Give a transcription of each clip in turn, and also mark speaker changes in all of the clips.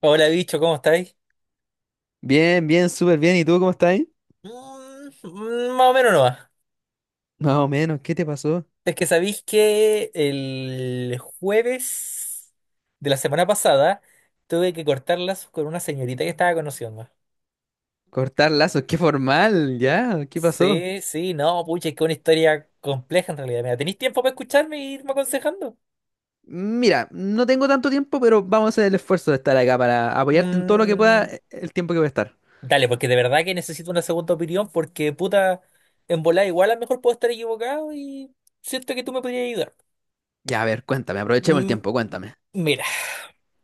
Speaker 1: Hola, bicho, ¿cómo estáis?
Speaker 2: Bien, bien, súper bien. ¿Y tú cómo estás ahí?
Speaker 1: Mm, más o menos no va.
Speaker 2: Más o menos, ¿qué te pasó?
Speaker 1: Es que sabéis que el jueves de la semana pasada tuve que cortarlas con una señorita que estaba conociendo.
Speaker 2: Cortar lazos, qué formal, ya, ¿qué pasó?
Speaker 1: Sí, sí, no, pucha, es que una historia compleja en realidad. Mira, ¿tenéis tiempo para escucharme e irme aconsejando?
Speaker 2: Mira, no tengo tanto tiempo, pero vamos a hacer el esfuerzo de estar acá para apoyarte en todo lo que pueda
Speaker 1: Mm,
Speaker 2: el tiempo que voy a estar.
Speaker 1: Dale, porque de verdad que necesito una segunda opinión, porque puta, en volada igual a lo mejor puedo estar equivocado y siento que tú me podrías ayudar.
Speaker 2: Ya, a ver, cuéntame, aprovechemos el
Speaker 1: Mm,
Speaker 2: tiempo, cuéntame.
Speaker 1: Mira.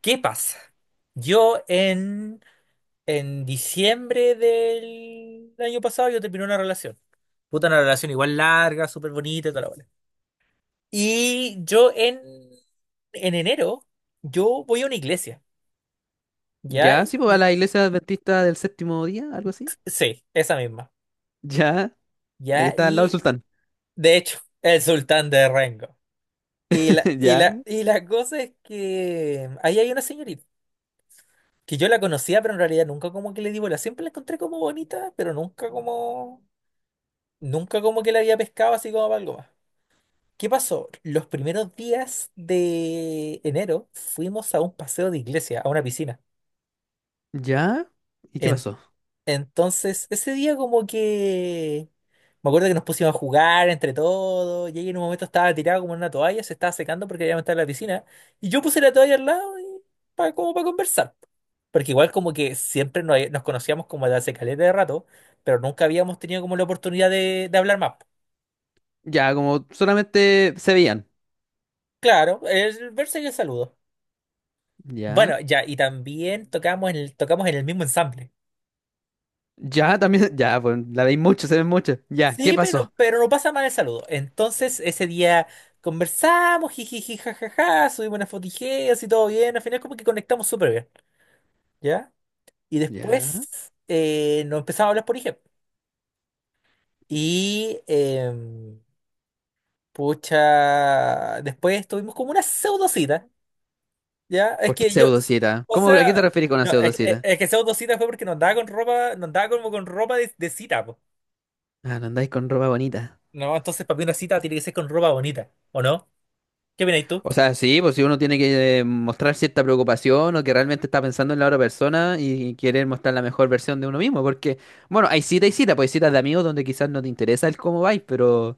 Speaker 1: ¿Qué pasa? Yo en diciembre del año pasado yo terminé una relación. Puta, una relación igual larga, súper bonita y toda la bola. Y yo en enero, yo voy a una iglesia, ¿ya?
Speaker 2: Ya, sí, pues a
Speaker 1: Y
Speaker 2: la iglesia adventista del séptimo día, algo así.
Speaker 1: sí, esa misma,
Speaker 2: Ya, la que
Speaker 1: ¿ya?
Speaker 2: está al lado del
Speaker 1: Y
Speaker 2: sultán.
Speaker 1: de hecho, el sultán de Rengo. Y la, y
Speaker 2: Ya,
Speaker 1: la, y la cosa es que ahí hay una señorita, que yo la conocía, pero en realidad nunca como que le di bola. Siempre la encontré como bonita, pero nunca como... Nunca como que la había pescado así como para algo más. ¿Qué pasó? Los primeros días de enero fuimos a un paseo de iglesia, a una piscina.
Speaker 2: ya. ¿Y qué
Speaker 1: En-
Speaker 2: pasó?
Speaker 1: entonces, ese día como que... Me acuerdo que nos pusimos a jugar entre todos. Y ella en un momento estaba tirada como en una toalla, se estaba secando porque había estar en la piscina. Y yo puse la toalla al lado y como para conversar. Porque igual como que siempre nos conocíamos como de hace caleta de rato, pero nunca habíamos tenido como la oportunidad de hablar más.
Speaker 2: Ya, como solamente se veían.
Speaker 1: Claro, el verse y el saludo.
Speaker 2: Ya,
Speaker 1: Bueno, ya, y también tocamos en el mismo ensamble.
Speaker 2: ya, también, ya, pues la veis mucho, se ven mucho. Ya, ¿qué
Speaker 1: Sí, pero,
Speaker 2: pasó?
Speaker 1: pero no pasa mal el saludo. Entonces, ese día conversamos, jijiji, jajaja, subimos unas fotijeas y todo bien. Al final, como que conectamos súper bien, ¿ya? Y
Speaker 2: Ya.
Speaker 1: después nos empezamos a hablar por IG. Y pucha, después tuvimos como una pseudocita, ¿ya? Es
Speaker 2: ¿Por qué
Speaker 1: que yo,
Speaker 2: pseudocita?
Speaker 1: o
Speaker 2: ¿A qué te
Speaker 1: sea,
Speaker 2: refieres con una
Speaker 1: no,
Speaker 2: pseudocita?
Speaker 1: es que pseudocita fue porque no andaba con ropa, no andaba como con ropa de cita.
Speaker 2: Ah, no andáis con ropa bonita.
Speaker 1: No, entonces para mí una cita tiene que ser con ropa bonita, ¿o no? ¿Qué opinas tú?
Speaker 2: O sea, sí, pues si uno tiene que mostrar cierta preocupación o que realmente está pensando en la otra persona y quiere mostrar la mejor versión de uno mismo, porque, bueno, hay cita y cita, pues hay citas de amigos donde quizás no te interesa el cómo vais, pero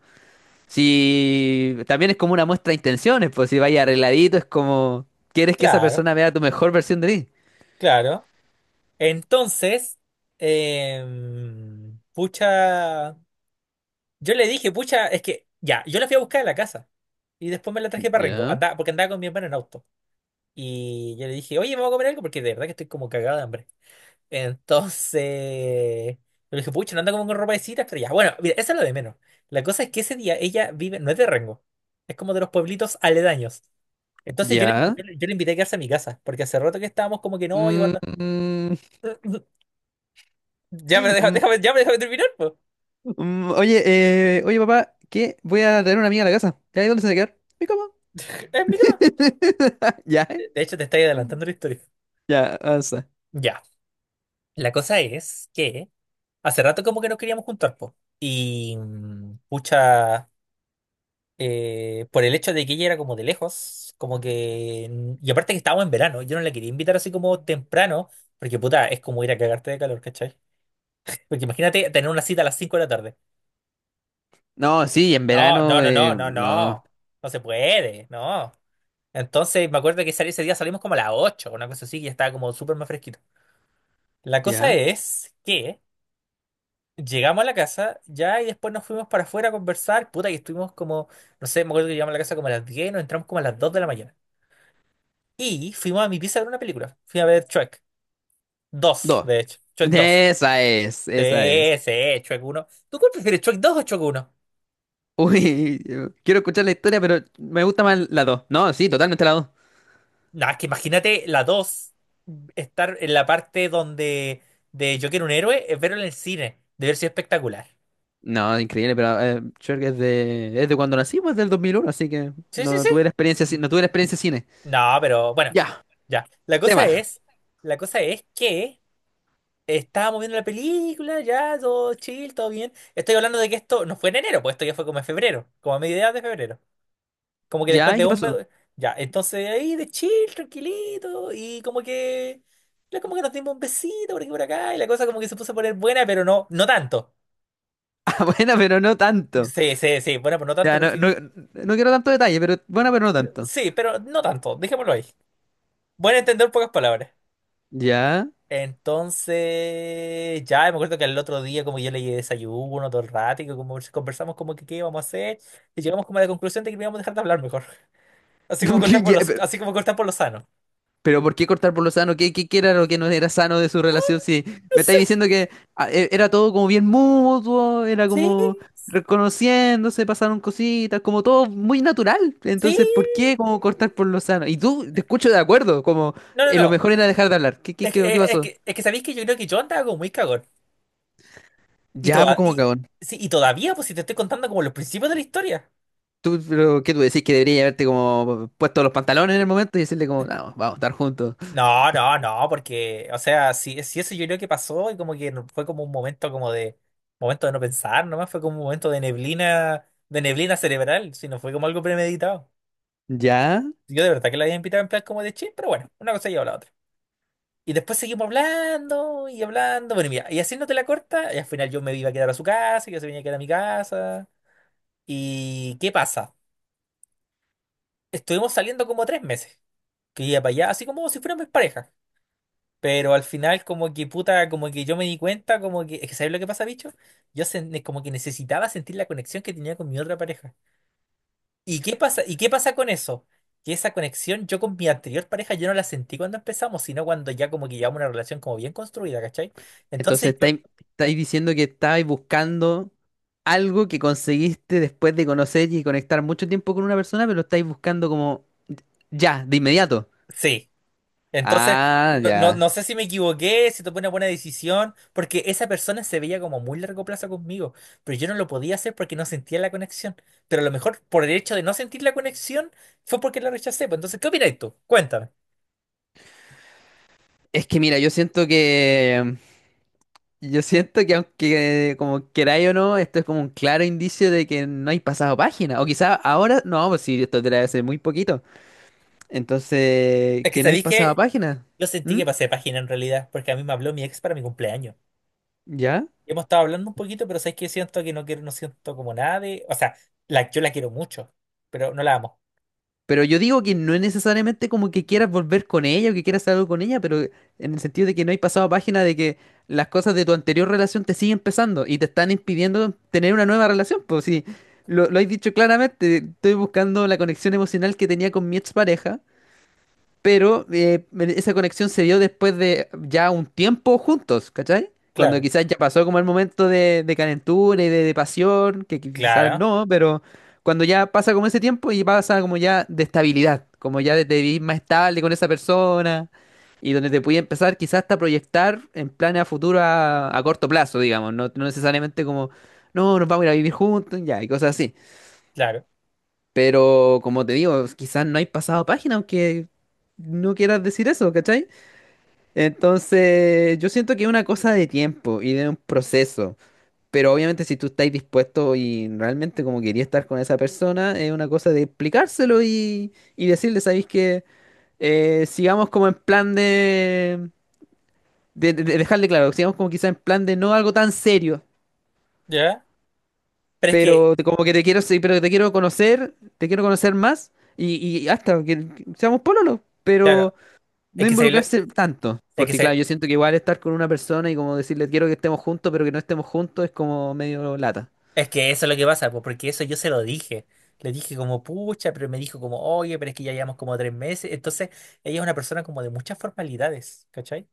Speaker 2: si también es como una muestra de intenciones, pues si vais arregladito es como quieres que esa
Speaker 1: Claro,
Speaker 2: persona vea tu mejor versión de ti.
Speaker 1: claro. Entonces, pucha, yo le dije, pucha, es que ya, yo la fui a buscar a la casa y después me la traje para Rengo,
Speaker 2: Ya,
Speaker 1: andaba, porque andaba con mi hermano en auto. Y yo le dije, oye, vamos a comer algo porque de verdad que estoy como cagado de hambre. Entonces, le dije, pucha, no anda como con ropa de citas, pero ya, bueno, mira, eso es lo de menos. La cosa es que ese día ella vive, no es de Rengo, es como de los pueblitos aledaños. Entonces yo le,
Speaker 2: ya.
Speaker 1: yo le- yo le invité a quedarse a mi casa, porque hace rato que estábamos como que no, y
Speaker 2: Mm,
Speaker 1: guarda.
Speaker 2: mm,
Speaker 1: Ya, pero deja
Speaker 2: mm,
Speaker 1: déjame, ya, pero déjame terminar, pues.
Speaker 2: Mm, oye, oye papá, ¿qué? Voy a traer una amiga a la casa. ¿Ya ahí dónde se va a quedar? Mi cama.
Speaker 1: Es mi cama.
Speaker 2: ¿Ya?
Speaker 1: De hecho, te estoy adelantando la historia.
Speaker 2: Ya, avanza.
Speaker 1: Ya. La cosa es que hace rato como que nos queríamos juntar, pues. Y pucha, por el hecho de que ella era como de lejos, como que... Y aparte que estábamos en verano, yo no la quería invitar así como temprano, porque puta, es como ir a cagarte de calor, ¿cachai? Porque imagínate tener una cita a las 5 de la tarde.
Speaker 2: No, sí, en
Speaker 1: No,
Speaker 2: verano,
Speaker 1: no, no, no, no,
Speaker 2: no.
Speaker 1: no. No se puede, no. Entonces me acuerdo que ese día salimos como a las 8, una cosa así, que ya estaba como súper más fresquito. La cosa
Speaker 2: ¿Ya?
Speaker 1: es que llegamos a la casa ya y después nos fuimos para afuera a conversar. Puta, que estuvimos como, no sé, me acuerdo que llegamos a la casa como a las 10 y nos entramos como a las 2 de la mañana. Y fuimos a mi pieza a ver una película. Fui a ver Shrek dos,
Speaker 2: Dos.
Speaker 1: de hecho. Shrek dos.
Speaker 2: Esa es,
Speaker 1: Sí,
Speaker 2: esa es.
Speaker 1: sí, Shrek 1. ¿Tú cuál prefieres, Shrek 2 o Shrek uno?
Speaker 2: Uy, yo quiero escuchar la historia, pero me gusta más la dos. No, sí, totalmente la dos.
Speaker 1: Nah, es que imagínate la dos, estar en la parte donde de Yo quiero un héroe, es verlo en el cine, debe haber sido espectacular.
Speaker 2: No, increíble, pero Shrek es de cuando nací, pues del 2001, así que
Speaker 1: Sí, sí,
Speaker 2: no
Speaker 1: sí.
Speaker 2: tuve la experiencia, no tuve la experiencia cine.
Speaker 1: No, pero bueno,
Speaker 2: Ya,
Speaker 1: ya. La cosa
Speaker 2: tema.
Speaker 1: es, la cosa es que estábamos viendo la película, ya, todo chill, todo bien. Estoy hablando de que esto no fue en enero, pues esto ya fue como en febrero, como a mediados de febrero. Como que después
Speaker 2: ¿Ya? ¿Y
Speaker 1: de
Speaker 2: qué
Speaker 1: un...
Speaker 2: pasó?
Speaker 1: Ya, entonces ahí de chill, tranquilito, y como que... Como que nos dimos un besito por aquí y por acá, y la cosa como que se puso a poner buena, pero no, no tanto.
Speaker 2: Ah, bueno, pero no tanto.
Speaker 1: Sí, sí, sí. Bueno, pues no tanto
Speaker 2: Ya, no,
Speaker 1: porque...
Speaker 2: no, no quiero tanto detalle, pero bueno, pero no tanto.
Speaker 1: Sí, pero no tanto. Dejémoslo ahí. Buen entender, pocas palabras.
Speaker 2: Ya.
Speaker 1: Entonces, ya me acuerdo que el otro día como yo leí desayuno todo el rato y que como si conversamos como que qué íbamos a hacer y llegamos como a la conclusión de que no íbamos a dejar de hablar mejor. Así como cortar
Speaker 2: ¿Qué- ya? pero,
Speaker 1: así como cortar por lo sano.
Speaker 2: pero ¿por qué cortar por lo sano? ¿Qué era lo que no era sano de su relación? Si
Speaker 1: No
Speaker 2: me estáis
Speaker 1: sé.
Speaker 2: diciendo que ah, era todo como bien mutuo, era
Speaker 1: Sí,
Speaker 2: como reconociéndose, pasaron cositas, como todo muy natural.
Speaker 1: sí.
Speaker 2: Entonces, ¿por qué como cortar por lo sano? Y tú te escucho de acuerdo, como
Speaker 1: No, no,
Speaker 2: lo
Speaker 1: no.
Speaker 2: mejor era dejar de hablar. ¿Qué, qué,
Speaker 1: Es que,
Speaker 2: qué, qué pasó?
Speaker 1: sabéis que yo creo que yo andaba como muy cagón. Y,
Speaker 2: Ya, pues
Speaker 1: toda,
Speaker 2: como
Speaker 1: y,
Speaker 2: cagón.
Speaker 1: sí, y todavía, pues si te estoy contando como los principios de la historia.
Speaker 2: ¿Tú, pero, qué tú decís que debería haberte como puesto los pantalones en el momento y decirle como, no, vamos a estar juntos?
Speaker 1: No, no, no, porque, o sea, si eso yo creo que pasó y como que fue como un momento como de, momento de no pensar, nomás fue como un momento de neblina cerebral, si no fue como algo premeditado.
Speaker 2: Ya,
Speaker 1: Yo de verdad que la había invitado en plan como de chill, pero bueno, una cosa lleva a la otra. Y después seguimos hablando y hablando, bueno, y mira, y haciéndote la corta, y al final yo me iba a quedar a su casa, y yo se venía a quedar a mi casa. ¿Y qué pasa? Estuvimos saliendo como 3 meses, que iba para allá, así como si fuéramos pareja. Pero al final, como que puta, como que yo me di cuenta, como que, es que ¿sabes lo que pasa, bicho? Como que necesitaba sentir la conexión que tenía con mi otra pareja. ¿Y qué pasa? ¿Y qué pasa con eso? Que esa conexión yo con mi anterior pareja yo no la sentí cuando empezamos, sino cuando ya como que llevamos una relación como bien construida, ¿cachai? Entonces
Speaker 2: entonces
Speaker 1: yo,
Speaker 2: estáis diciendo que estáis buscando algo que conseguiste después de conocer y conectar mucho tiempo con una persona, pero lo estáis buscando como ya, de inmediato.
Speaker 1: sí. Entonces,
Speaker 2: Ah,
Speaker 1: no, no,
Speaker 2: ya.
Speaker 1: no sé si me equivoqué, si tomé una buena decisión, porque esa persona se veía como muy largo plazo conmigo, pero yo no lo podía hacer porque no sentía la conexión. Pero a lo mejor por el hecho de no sentir la conexión fue porque la rechacé. Pues entonces, ¿qué opinas tú? Cuéntame.
Speaker 2: Es que mira, yo siento que aunque como queráis o no, esto es como un claro indicio de que no hay pasado página. O quizá ahora, no, pues sí, esto te la hace muy poquito. Entonces,
Speaker 1: Es que
Speaker 2: que no hay
Speaker 1: sabéis
Speaker 2: pasado
Speaker 1: que
Speaker 2: página.
Speaker 1: yo sentí
Speaker 2: ¿Mm?
Speaker 1: que pasé página en realidad, porque a mí me habló mi ex para mi cumpleaños.
Speaker 2: ¿Ya?
Speaker 1: Hemos estado hablando un poquito, pero sabéis que siento que no quiero, no siento como nada de. O sea, yo la quiero mucho, pero no la amo.
Speaker 2: Pero yo digo que no es necesariamente como que quieras volver con ella o que quieras hacer algo con ella, pero en el sentido de que no hay pasado a página de que las cosas de tu anterior relación te siguen pesando y te están impidiendo tener una nueva relación. Pues sí, lo has dicho claramente, estoy buscando la conexión emocional que tenía con mi expareja, pero esa conexión se dio después de ya un tiempo juntos, ¿cachai? Cuando
Speaker 1: Claro,
Speaker 2: quizás ya pasó como el momento de calentura y de pasión, que quizás
Speaker 1: claro,
Speaker 2: no, pero cuando ya pasa como ese tiempo y pasa como ya de estabilidad, como ya de vivir más estable con esa persona y donde te puede empezar quizás hasta proyectar en planes a futuro a corto plazo, digamos, no, no necesariamente como, no, nos vamos a ir a vivir juntos, ya, y cosas así.
Speaker 1: claro.
Speaker 2: Pero como te digo, quizás no hay pasado página, aunque no quieras decir eso, ¿cachai? Entonces, yo siento que es una cosa de tiempo y de un proceso. Pero obviamente si tú estás dispuesto y realmente como querías estar con esa persona, es una cosa de explicárselo y decirle, ¿sabéis que sigamos como en plan de dejarle claro, sigamos como quizás en plan de no algo tan serio,
Speaker 1: ¿Ya? Pero es que,
Speaker 2: pero como que te quiero, sí, pero te quiero conocer más y hasta que seamos pololo,
Speaker 1: claro,
Speaker 2: pero no
Speaker 1: es que sabéis lo-
Speaker 2: involucrarse tanto,
Speaker 1: Es que,
Speaker 2: porque claro, yo siento que igual estar con una persona y como decirle quiero que estemos juntos, pero que no estemos juntos es como medio lata.
Speaker 1: eso es lo que pasa, pues, porque eso yo se lo dije. Le dije como, pucha, pero me dijo como, oye, pero es que ya llevamos como 3 meses. Entonces, ella es una persona como de muchas formalidades, ¿cachai?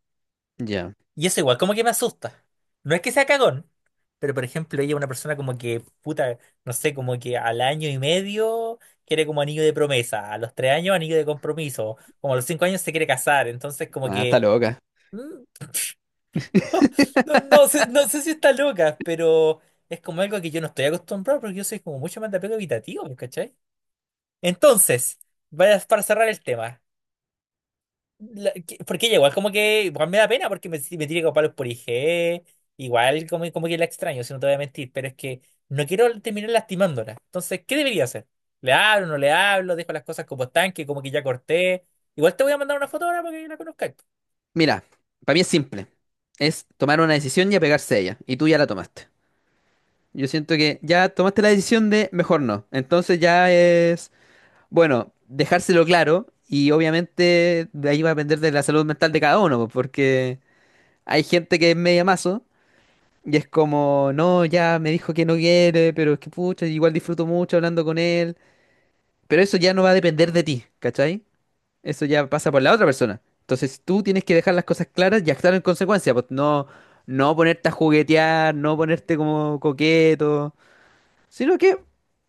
Speaker 2: Ya,
Speaker 1: Y eso igual, como que me asusta. No es que sea cagón, pero por ejemplo, ella es una persona como que, puta, no sé, como que al año y medio quiere como anillo de promesa, a los 3 años anillo de compromiso, como a los 5 años se quiere casar. Entonces, como
Speaker 2: ah, está
Speaker 1: que...
Speaker 2: loca.
Speaker 1: mm, No, no sé, no sé si está loca, pero es como algo que yo no estoy acostumbrado porque yo soy como mucho más de apego evitativo, pues, ¿cachai? Entonces, para cerrar el tema, porque ella igual como que igual me da pena porque si me tiene como palos por IG, igual como que la extraño, si no te voy a mentir, pero es que no quiero terminar lastimándola. Entonces, ¿qué debería hacer? ¿Le hablo, no le hablo? ¿Dejo las cosas como están, que como que ya corté? Igual te voy a mandar una foto ahora para que la conozcas.
Speaker 2: Mira, para mí es simple. Es tomar una decisión y apegarse a ella. Y tú ya la tomaste. Yo siento que ya tomaste la decisión de mejor no. Entonces ya es bueno, dejárselo claro y obviamente de ahí va a depender de la salud mental de cada uno, pues, porque hay gente que es media mazo y es como, no, ya me dijo que no quiere, pero es que pucha, igual disfruto mucho hablando con él, pero eso ya no va a depender de ti, ¿cachai? Eso ya pasa por la otra persona. Entonces tú tienes que dejar las cosas claras y actuar en consecuencia, pues no, no ponerte a juguetear, no ponerte como coqueto, sino que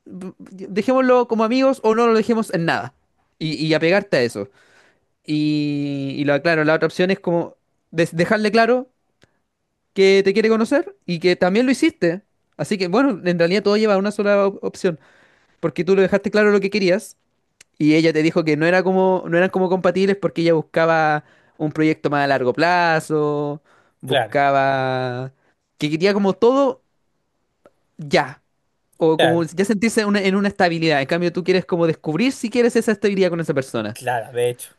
Speaker 2: dejémoslo como amigos o no lo dejemos en nada y, y apegarte a eso. Y, claro, la otra opción es como dejarle claro que te quiere conocer y que también lo hiciste. Así que, bueno, en realidad todo lleva a una sola opción, porque tú le dejaste claro lo que querías y ella te dijo que no era como, no eran como compatibles porque ella buscaba un proyecto más a largo plazo,
Speaker 1: Claro,
Speaker 2: buscaba que quería como todo ya, o como
Speaker 1: claro,
Speaker 2: ya sentirse en una estabilidad. En cambio, tú quieres como descubrir si quieres esa estabilidad con esa persona.
Speaker 1: claro, de hecho.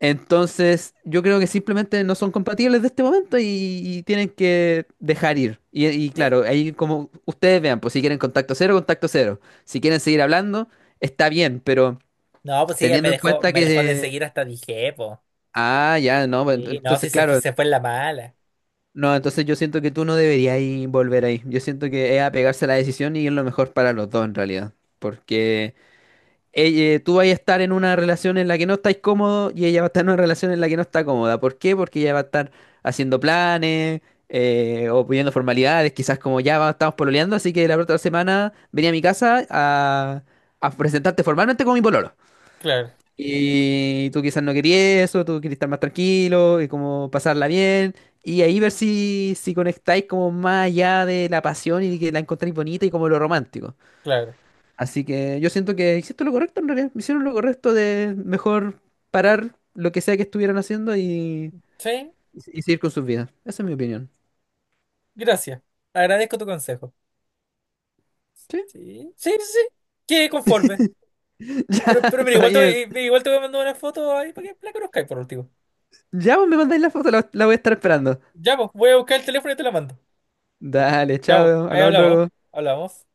Speaker 2: Entonces, yo creo que simplemente no son compatibles de este momento y tienen que dejar ir. Y
Speaker 1: Sí,
Speaker 2: claro, ahí como ustedes vean, pues si quieren contacto cero, contacto cero. Si quieren seguir hablando, está bien, pero
Speaker 1: no, pues sí, ella me
Speaker 2: teniendo en
Speaker 1: dejó,
Speaker 2: cuenta
Speaker 1: me dejó de
Speaker 2: que...
Speaker 1: seguir hasta dije, pues.
Speaker 2: Ah, ya, no, bueno,
Speaker 1: Sí, no,
Speaker 2: entonces
Speaker 1: sí
Speaker 2: claro,
Speaker 1: se fue en la mala.
Speaker 2: no, entonces yo siento que tú no deberías ir volver ahí. Yo siento que es apegarse a la decisión y es lo mejor para los dos en realidad. Porque... tú vas a estar en una relación en la que no estáis cómodo y ella va a estar en una relación en la que no está cómoda. ¿Por qué? Porque ella va a estar haciendo planes o pidiendo formalidades, quizás como ya estamos pololeando, así que la otra semana venía a mi casa a presentarte formalmente como mi pololo.
Speaker 1: Claro,
Speaker 2: Y tú quizás no querías eso, tú querías estar más tranquilo y como pasarla bien. Y ahí ver si, si conectáis como más allá de la pasión y que la encontráis bonita y como lo romántico.
Speaker 1: claro.
Speaker 2: Así que yo siento que hiciste lo correcto en realidad. Hicieron lo correcto de mejor parar lo que sea que estuvieran haciendo
Speaker 1: Sí,
Speaker 2: y seguir con sus vidas. Esa es mi opinión.
Speaker 1: gracias. Agradezco tu consejo.
Speaker 2: ¿Sí?
Speaker 1: Sí, sí, sí. Quedé conforme. Pero,
Speaker 2: Ya,
Speaker 1: pero mira,
Speaker 2: está
Speaker 1: igual
Speaker 2: bien.
Speaker 1: igual te voy a mandar una foto ahí para que la conozcáis por último.
Speaker 2: Ya vos me mandáis la foto, la voy a estar esperando.
Speaker 1: Ya, pues, voy a buscar el teléfono y te la mando.
Speaker 2: Dale,
Speaker 1: Ya, pues,
Speaker 2: chao,
Speaker 1: ahí
Speaker 2: hablamos
Speaker 1: hablamos.
Speaker 2: luego.
Speaker 1: Hablamos.